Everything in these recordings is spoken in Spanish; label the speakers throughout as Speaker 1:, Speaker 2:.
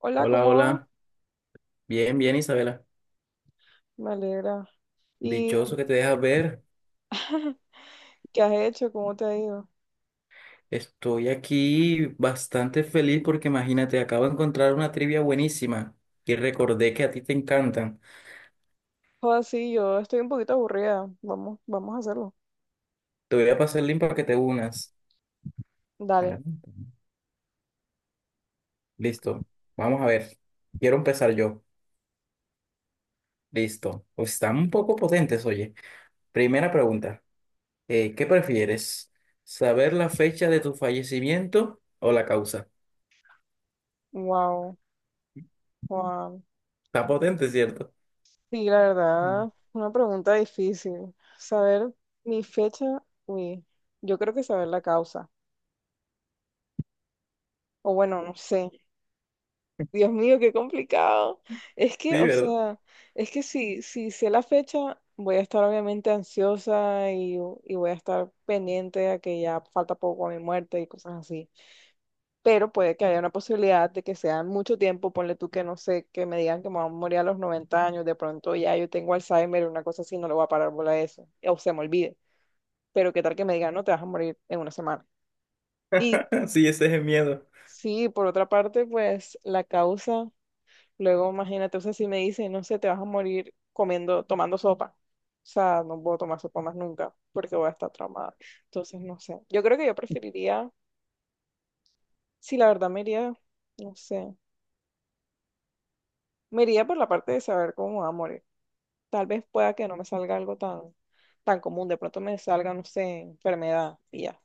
Speaker 1: Hola,
Speaker 2: Hola,
Speaker 1: ¿cómo va?
Speaker 2: hola. Bien, bien, Isabela.
Speaker 1: Me alegra. ¿Y
Speaker 2: Dichoso que te dejas ver.
Speaker 1: qué has hecho? ¿Cómo te ha ido?
Speaker 2: Estoy aquí bastante feliz porque imagínate, acabo de encontrar una trivia buenísima y recordé que a ti te encantan.
Speaker 1: Joder, sí, yo estoy un poquito aburrida. Vamos, vamos a hacerlo.
Speaker 2: Te voy a pasar el link para que te unas. A
Speaker 1: Dale.
Speaker 2: ver. Listo. Vamos a ver. Quiero empezar yo. Listo. Pues están un poco potentes, oye. Primera pregunta. ¿Qué prefieres? ¿Saber la fecha de tu fallecimiento o la causa?
Speaker 1: Wow, Juan.
Speaker 2: Está potente, ¿cierto?
Speaker 1: Sí, la
Speaker 2: Mm.
Speaker 1: verdad, una pregunta difícil. Saber mi fecha, uy, yo creo que saber la causa. O bueno, no sé. Dios mío, qué complicado. Es que,
Speaker 2: Sí,
Speaker 1: o
Speaker 2: ¿verdad?
Speaker 1: sea, es que si sé la fecha, voy a estar obviamente ansiosa y voy a estar pendiente a que ya falta poco a mi muerte y cosas así. Pero puede que haya una posibilidad de que sea en mucho tiempo, ponle tú que no sé, que me digan que me voy a morir a los 90 años, de pronto ya yo tengo Alzheimer o una cosa así, no le voy a parar bola a eso, o se me olvide. Pero qué tal que me digan, no, te vas a morir en una semana. Y
Speaker 2: Sí, ese es el miedo.
Speaker 1: sí, por otra parte, pues la causa. Luego, imagínate, o sea, si me dicen, no sé, te vas a morir comiendo, tomando sopa. O sea, no puedo tomar sopa más nunca porque voy a estar traumada. Entonces, no sé. Yo creo que yo preferiría, si la verdad me iría, no sé, me iría por la parte de saber cómo va a morir. Tal vez pueda que no me salga algo tan, tan común. De pronto me salga, no sé, enfermedad y ya.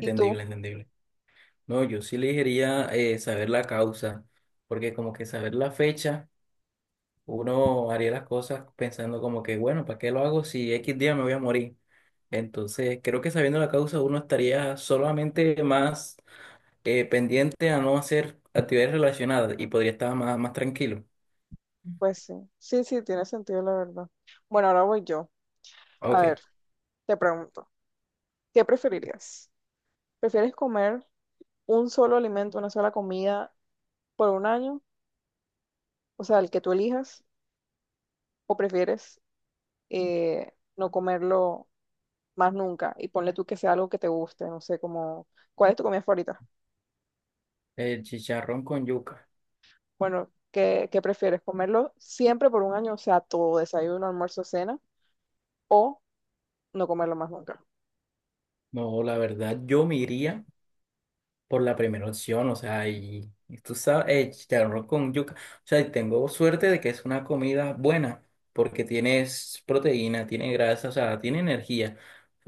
Speaker 1: ¿Y tú?
Speaker 2: entendible. No, yo sí elegiría, saber la causa, porque como que saber la fecha, uno haría las cosas pensando como que, bueno, ¿para qué lo hago si X día me voy a morir? Entonces, creo que sabiendo la causa, uno estaría solamente más pendiente a no hacer actividades relacionadas y podría estar más, más tranquilo.
Speaker 1: Pues sí. Sí, sí, tiene sentido, la verdad. Bueno, ahora voy yo. A
Speaker 2: Ok.
Speaker 1: ver, te pregunto, ¿qué preferirías? ¿Prefieres comer un solo alimento, una sola comida, por un año, o sea, el que tú elijas, o prefieres no comerlo más nunca y ponle tú que sea algo que te guste, no sé, como, ¿cuál es tu comida favorita?
Speaker 2: El chicharrón con yuca.
Speaker 1: Bueno, ¿qué prefieres? ¿Comerlo siempre por un año, o sea, todo, desayuno, almuerzo, cena, o no comerlo más nunca?
Speaker 2: No, la verdad, yo me iría por la primera opción, o sea, y tú sabes, chicharrón con yuca, o sea, y tengo suerte de que es una comida buena, porque tienes proteína, tiene grasa, o sea, tiene energía.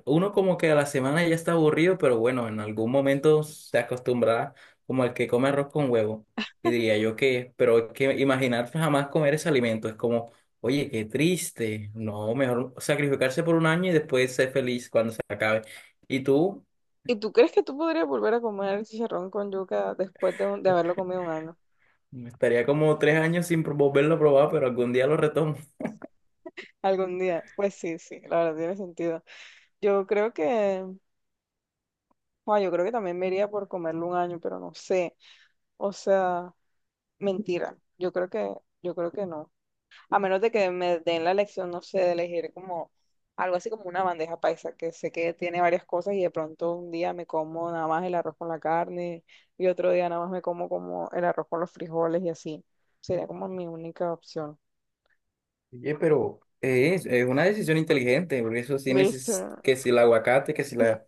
Speaker 2: Uno como que a la semana ya está aburrido, pero bueno, en algún momento se acostumbrará como el que come arroz con huevo, y diría yo que, pero es que imaginar jamás comer ese alimento es como... Oye, qué triste. No, mejor sacrificarse por un año y después ser feliz cuando se acabe. ¿Y tú?
Speaker 1: ¿Y tú crees que tú podrías volver a comer el chicharrón con yuca después de haberlo comido un año?
Speaker 2: Estaría como tres años sin volverlo a probar, pero algún día lo retomo.
Speaker 1: Algún día. Pues sí, sí, la verdad tiene sentido. Yo creo que, yo creo que también me iría por comerlo un año, pero no sé. O sea, mentira, yo creo que no. A menos de que me den la elección no sé, de elegir como algo así como una bandeja paisa, que sé que tiene varias cosas y de pronto un día me como nada más el arroz con la carne y otro día nada más me como el arroz con los frijoles y así. Sería como mi única opción.
Speaker 2: Oye, pero es una decisión inteligente, porque eso sí
Speaker 1: ¿Viste?
Speaker 2: neces- que si el aguacate, que si la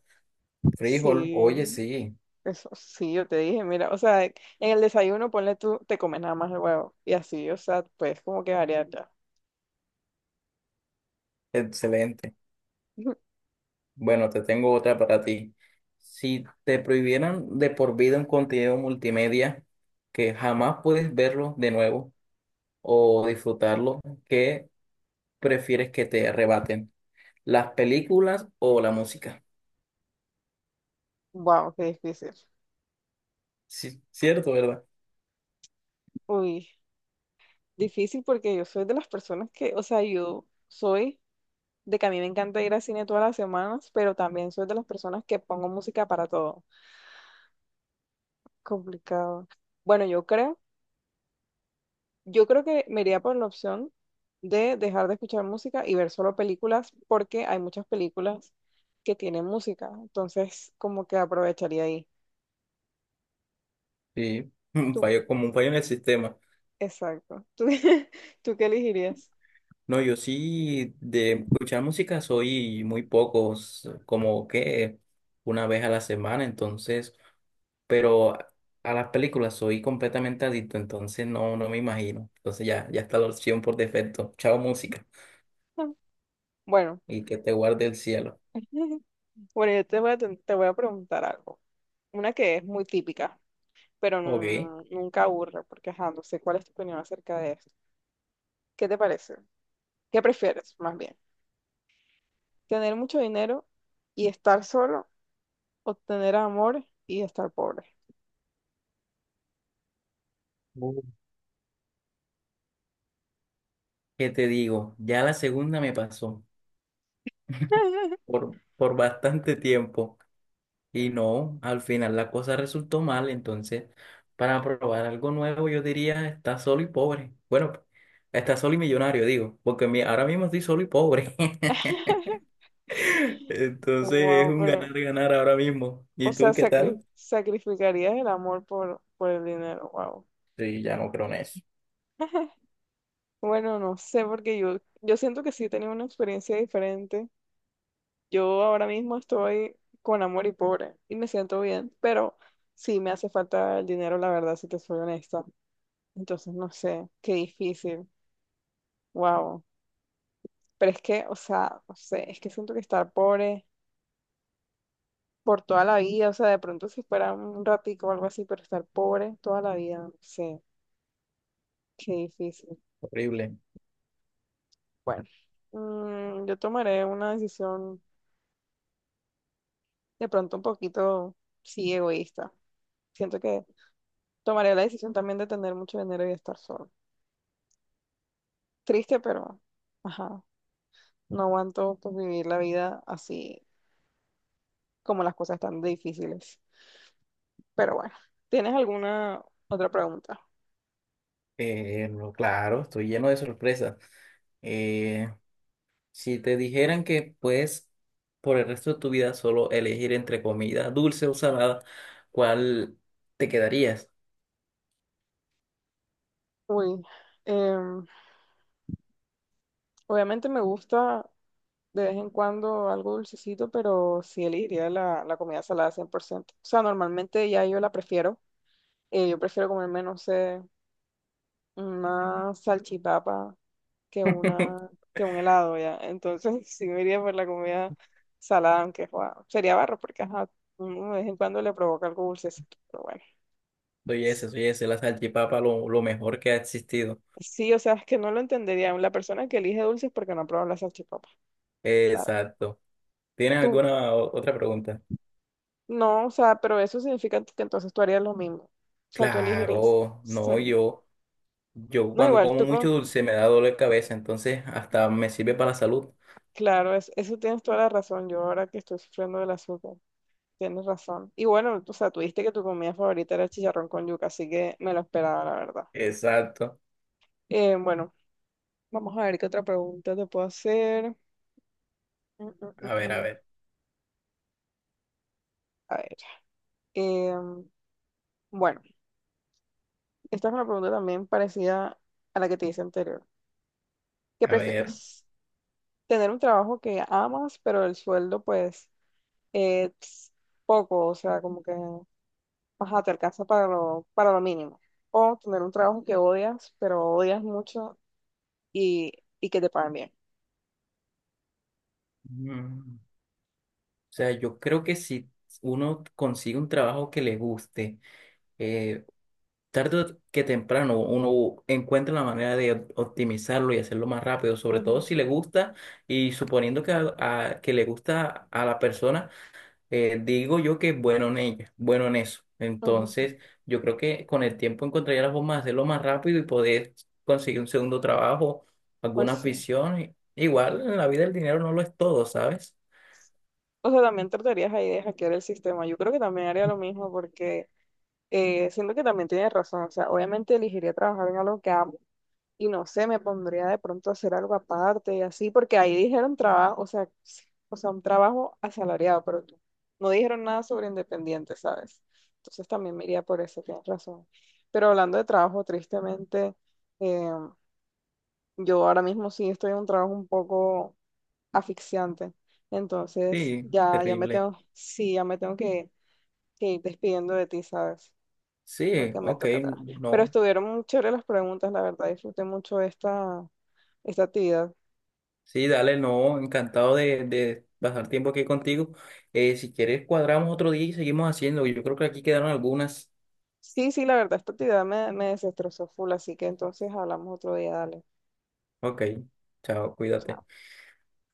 Speaker 2: frijol,
Speaker 1: Sí,
Speaker 2: oye, sí,
Speaker 1: eso sí, yo te dije, mira, o sea, en el desayuno ponle tú, te comes nada más el huevo y así, o sea, pues como que variar ya.
Speaker 2: excelente. Bueno, te tengo otra para ti. Si te prohibieran de por vida un contenido multimedia que jamás puedes verlo de nuevo o disfrutarlo, ¿qué prefieres que te arrebaten? ¿Las películas o la música?
Speaker 1: Wow, qué difícil.
Speaker 2: Sí, cierto, ¿verdad?
Speaker 1: Uy. Difícil porque yo soy de las personas que, o sea, yo soy de que a mí me encanta ir al cine todas las semanas, pero también soy de las personas que pongo música para todo. Complicado. Bueno, yo creo que me iría por la opción de dejar de escuchar música y ver solo películas porque hay muchas películas que tienen música, entonces como que aprovecharía ahí.
Speaker 2: Sí, un
Speaker 1: Tú,
Speaker 2: fallo, como un fallo en el sistema.
Speaker 1: exacto. ¿Tú, tú qué elegirías?
Speaker 2: No, yo sí de escuchar música soy muy pocos, como que una vez a la semana, entonces, pero a las películas soy completamente adicto, entonces no, no me imagino. Entonces ya, ya está la opción por defecto. Chao música
Speaker 1: Ah, bueno,
Speaker 2: y que te guarde el cielo.
Speaker 1: bueno, yo te voy a preguntar algo. Una que es muy típica, pero
Speaker 2: Ok.
Speaker 1: nunca aburre, porque ajá, no sé cuál es tu opinión acerca de esto. ¿Qué te parece? ¿Qué prefieres, más bien? ¿Tener mucho dinero y estar solo o tener amor y estar pobre?
Speaker 2: Uh, ¿Qué te digo? Ya la segunda me pasó por bastante tiempo. Y no, al final la cosa resultó mal, entonces para probar algo nuevo yo diría está solo y pobre. Bueno, está solo y millonario, digo, porque mi- ahora mismo estoy solo y pobre. Entonces es
Speaker 1: Wow,
Speaker 2: un
Speaker 1: pero,
Speaker 2: ganar-ganar ahora mismo.
Speaker 1: o
Speaker 2: ¿Y
Speaker 1: sea,
Speaker 2: tú qué tal?
Speaker 1: sacrificarías el amor por el dinero, wow.
Speaker 2: Sí, ya no creo en eso.
Speaker 1: Bueno, no sé, porque yo siento que sí he tenido una experiencia diferente. Yo ahora mismo estoy con amor y pobre y me siento bien, pero sí me hace falta el dinero, la verdad, si te soy honesta. Entonces, no sé, qué difícil. Wow. Pero es que, o sea, no sé, es que siento que estar pobre por toda la vida, o sea, de pronto si fuera un ratico o algo así, pero estar pobre toda la vida, no sé, qué difícil.
Speaker 2: Horrible.
Speaker 1: Bueno, yo tomaré una decisión de pronto un poquito, sí, egoísta. Siento que tomaré la decisión también de tener mucho dinero y estar solo. Triste, pero, ajá, no aguanto pues, vivir la vida así como las cosas tan difíciles. Pero bueno, ¿tienes alguna otra pregunta?
Speaker 2: No, claro, estoy lleno de sorpresas. Eh, si te dijeran que puedes por el resto de tu vida solo elegir entre comida dulce o salada, ¿cuál te quedarías?
Speaker 1: Uy, em, obviamente me gusta de vez en cuando algo dulcecito, pero sí elegiría la comida salada 100%. O sea, normalmente ya yo la prefiero. Yo prefiero comerme, no sé, una salchipapa que una, que un helado ya. Entonces sí me iría por la comida salada, aunque joa, sería barro, porque ajá, uno de vez en cuando le provoca algo dulcecito, pero bueno.
Speaker 2: Soy ese, la salchipapa lo mejor que ha existido.
Speaker 1: Sí, o sea, es que no lo entendería. La persona que elige dulces porque no ha probado la salchipapa. Claro.
Speaker 2: Exacto. ¿Tienes
Speaker 1: Tú,
Speaker 2: alguna o- otra pregunta?
Speaker 1: no, o sea, pero eso significa que entonces tú harías lo mismo. O sea, tú elegirías.
Speaker 2: Claro, no,
Speaker 1: sal-
Speaker 2: yo
Speaker 1: No,
Speaker 2: cuando
Speaker 1: igual,
Speaker 2: como
Speaker 1: tú,
Speaker 2: mucho dulce me da dolor de cabeza, entonces hasta me sirve para la salud.
Speaker 1: claro, eso tienes toda la razón. Yo ahora que estoy sufriendo del azúcar. Tienes razón. Y bueno, o sea, tú dijiste que tu comida favorita era el chicharrón con yuca, así que me lo esperaba, la verdad.
Speaker 2: Exacto.
Speaker 1: Bueno, vamos a ver qué otra pregunta te puedo hacer. Mm, mm, mm,
Speaker 2: A ver, a
Speaker 1: mm.
Speaker 2: ver,
Speaker 1: A ver. em, bueno, esta es una pregunta también parecida a la que te hice anterior. ¿Qué
Speaker 2: a ver.
Speaker 1: prefieres? ¿Tener un trabajo que amas, pero el sueldo, pues, es poco? O sea, como que, ajá, te alcanza para lo mínimo. O tener un trabajo que odias, pero odias mucho y, y que te paguen bien.
Speaker 2: Mm, o sea, yo creo que si uno consigue un trabajo que le guste, eh, tarde o que temprano uno encuentra la manera de optimizarlo y hacerlo más rápido, sobre todo
Speaker 1: Ujú,
Speaker 2: si le gusta y suponiendo que, que le gusta a la persona, digo yo que es bueno en ella, bueno en eso.
Speaker 1: ujú.
Speaker 2: Entonces, yo creo que con el tiempo encontraría la forma de hacerlo más rápido y poder conseguir un segundo trabajo,
Speaker 1: Pues
Speaker 2: alguna
Speaker 1: sí.
Speaker 2: afición. Igual en la vida el dinero no lo es todo, ¿sabes?
Speaker 1: O sea, también tratarías ahí de hackear el sistema. Yo creo que también haría lo mismo porque siento que también tienes razón. O sea, obviamente elegiría trabajar en algo que amo y no sé, me pondría de pronto a hacer algo aparte y así, porque ahí dijeron trabajo, o sea, sí, o sea, un trabajo asalariado, pero no dijeron nada sobre independiente, ¿sabes? Entonces también me iría por eso, tienes razón. Pero hablando de trabajo, tristemente, eh, yo ahora mismo sí estoy en un trabajo un poco asfixiante. Entonces,
Speaker 2: Sí, terrible.
Speaker 1: sí, ya me tengo que ir despidiendo de ti, ¿sabes?
Speaker 2: Sí,
Speaker 1: Porque me
Speaker 2: ok,
Speaker 1: toca atrás. Pero
Speaker 2: no.
Speaker 1: estuvieron muy chéveres las preguntas, la verdad, disfruté mucho esta, esta actividad.
Speaker 2: Sí, dale, no, encantado de pasar tiempo aquí contigo. Si quieres, cuadramos otro día y seguimos haciendo. Yo creo que aquí quedaron algunas.
Speaker 1: Sí, sí, la verdad, esta actividad me desestrozó full, así que entonces hablamos otro día, dale.
Speaker 2: Ok, chao, cuídate.
Speaker 1: Chao.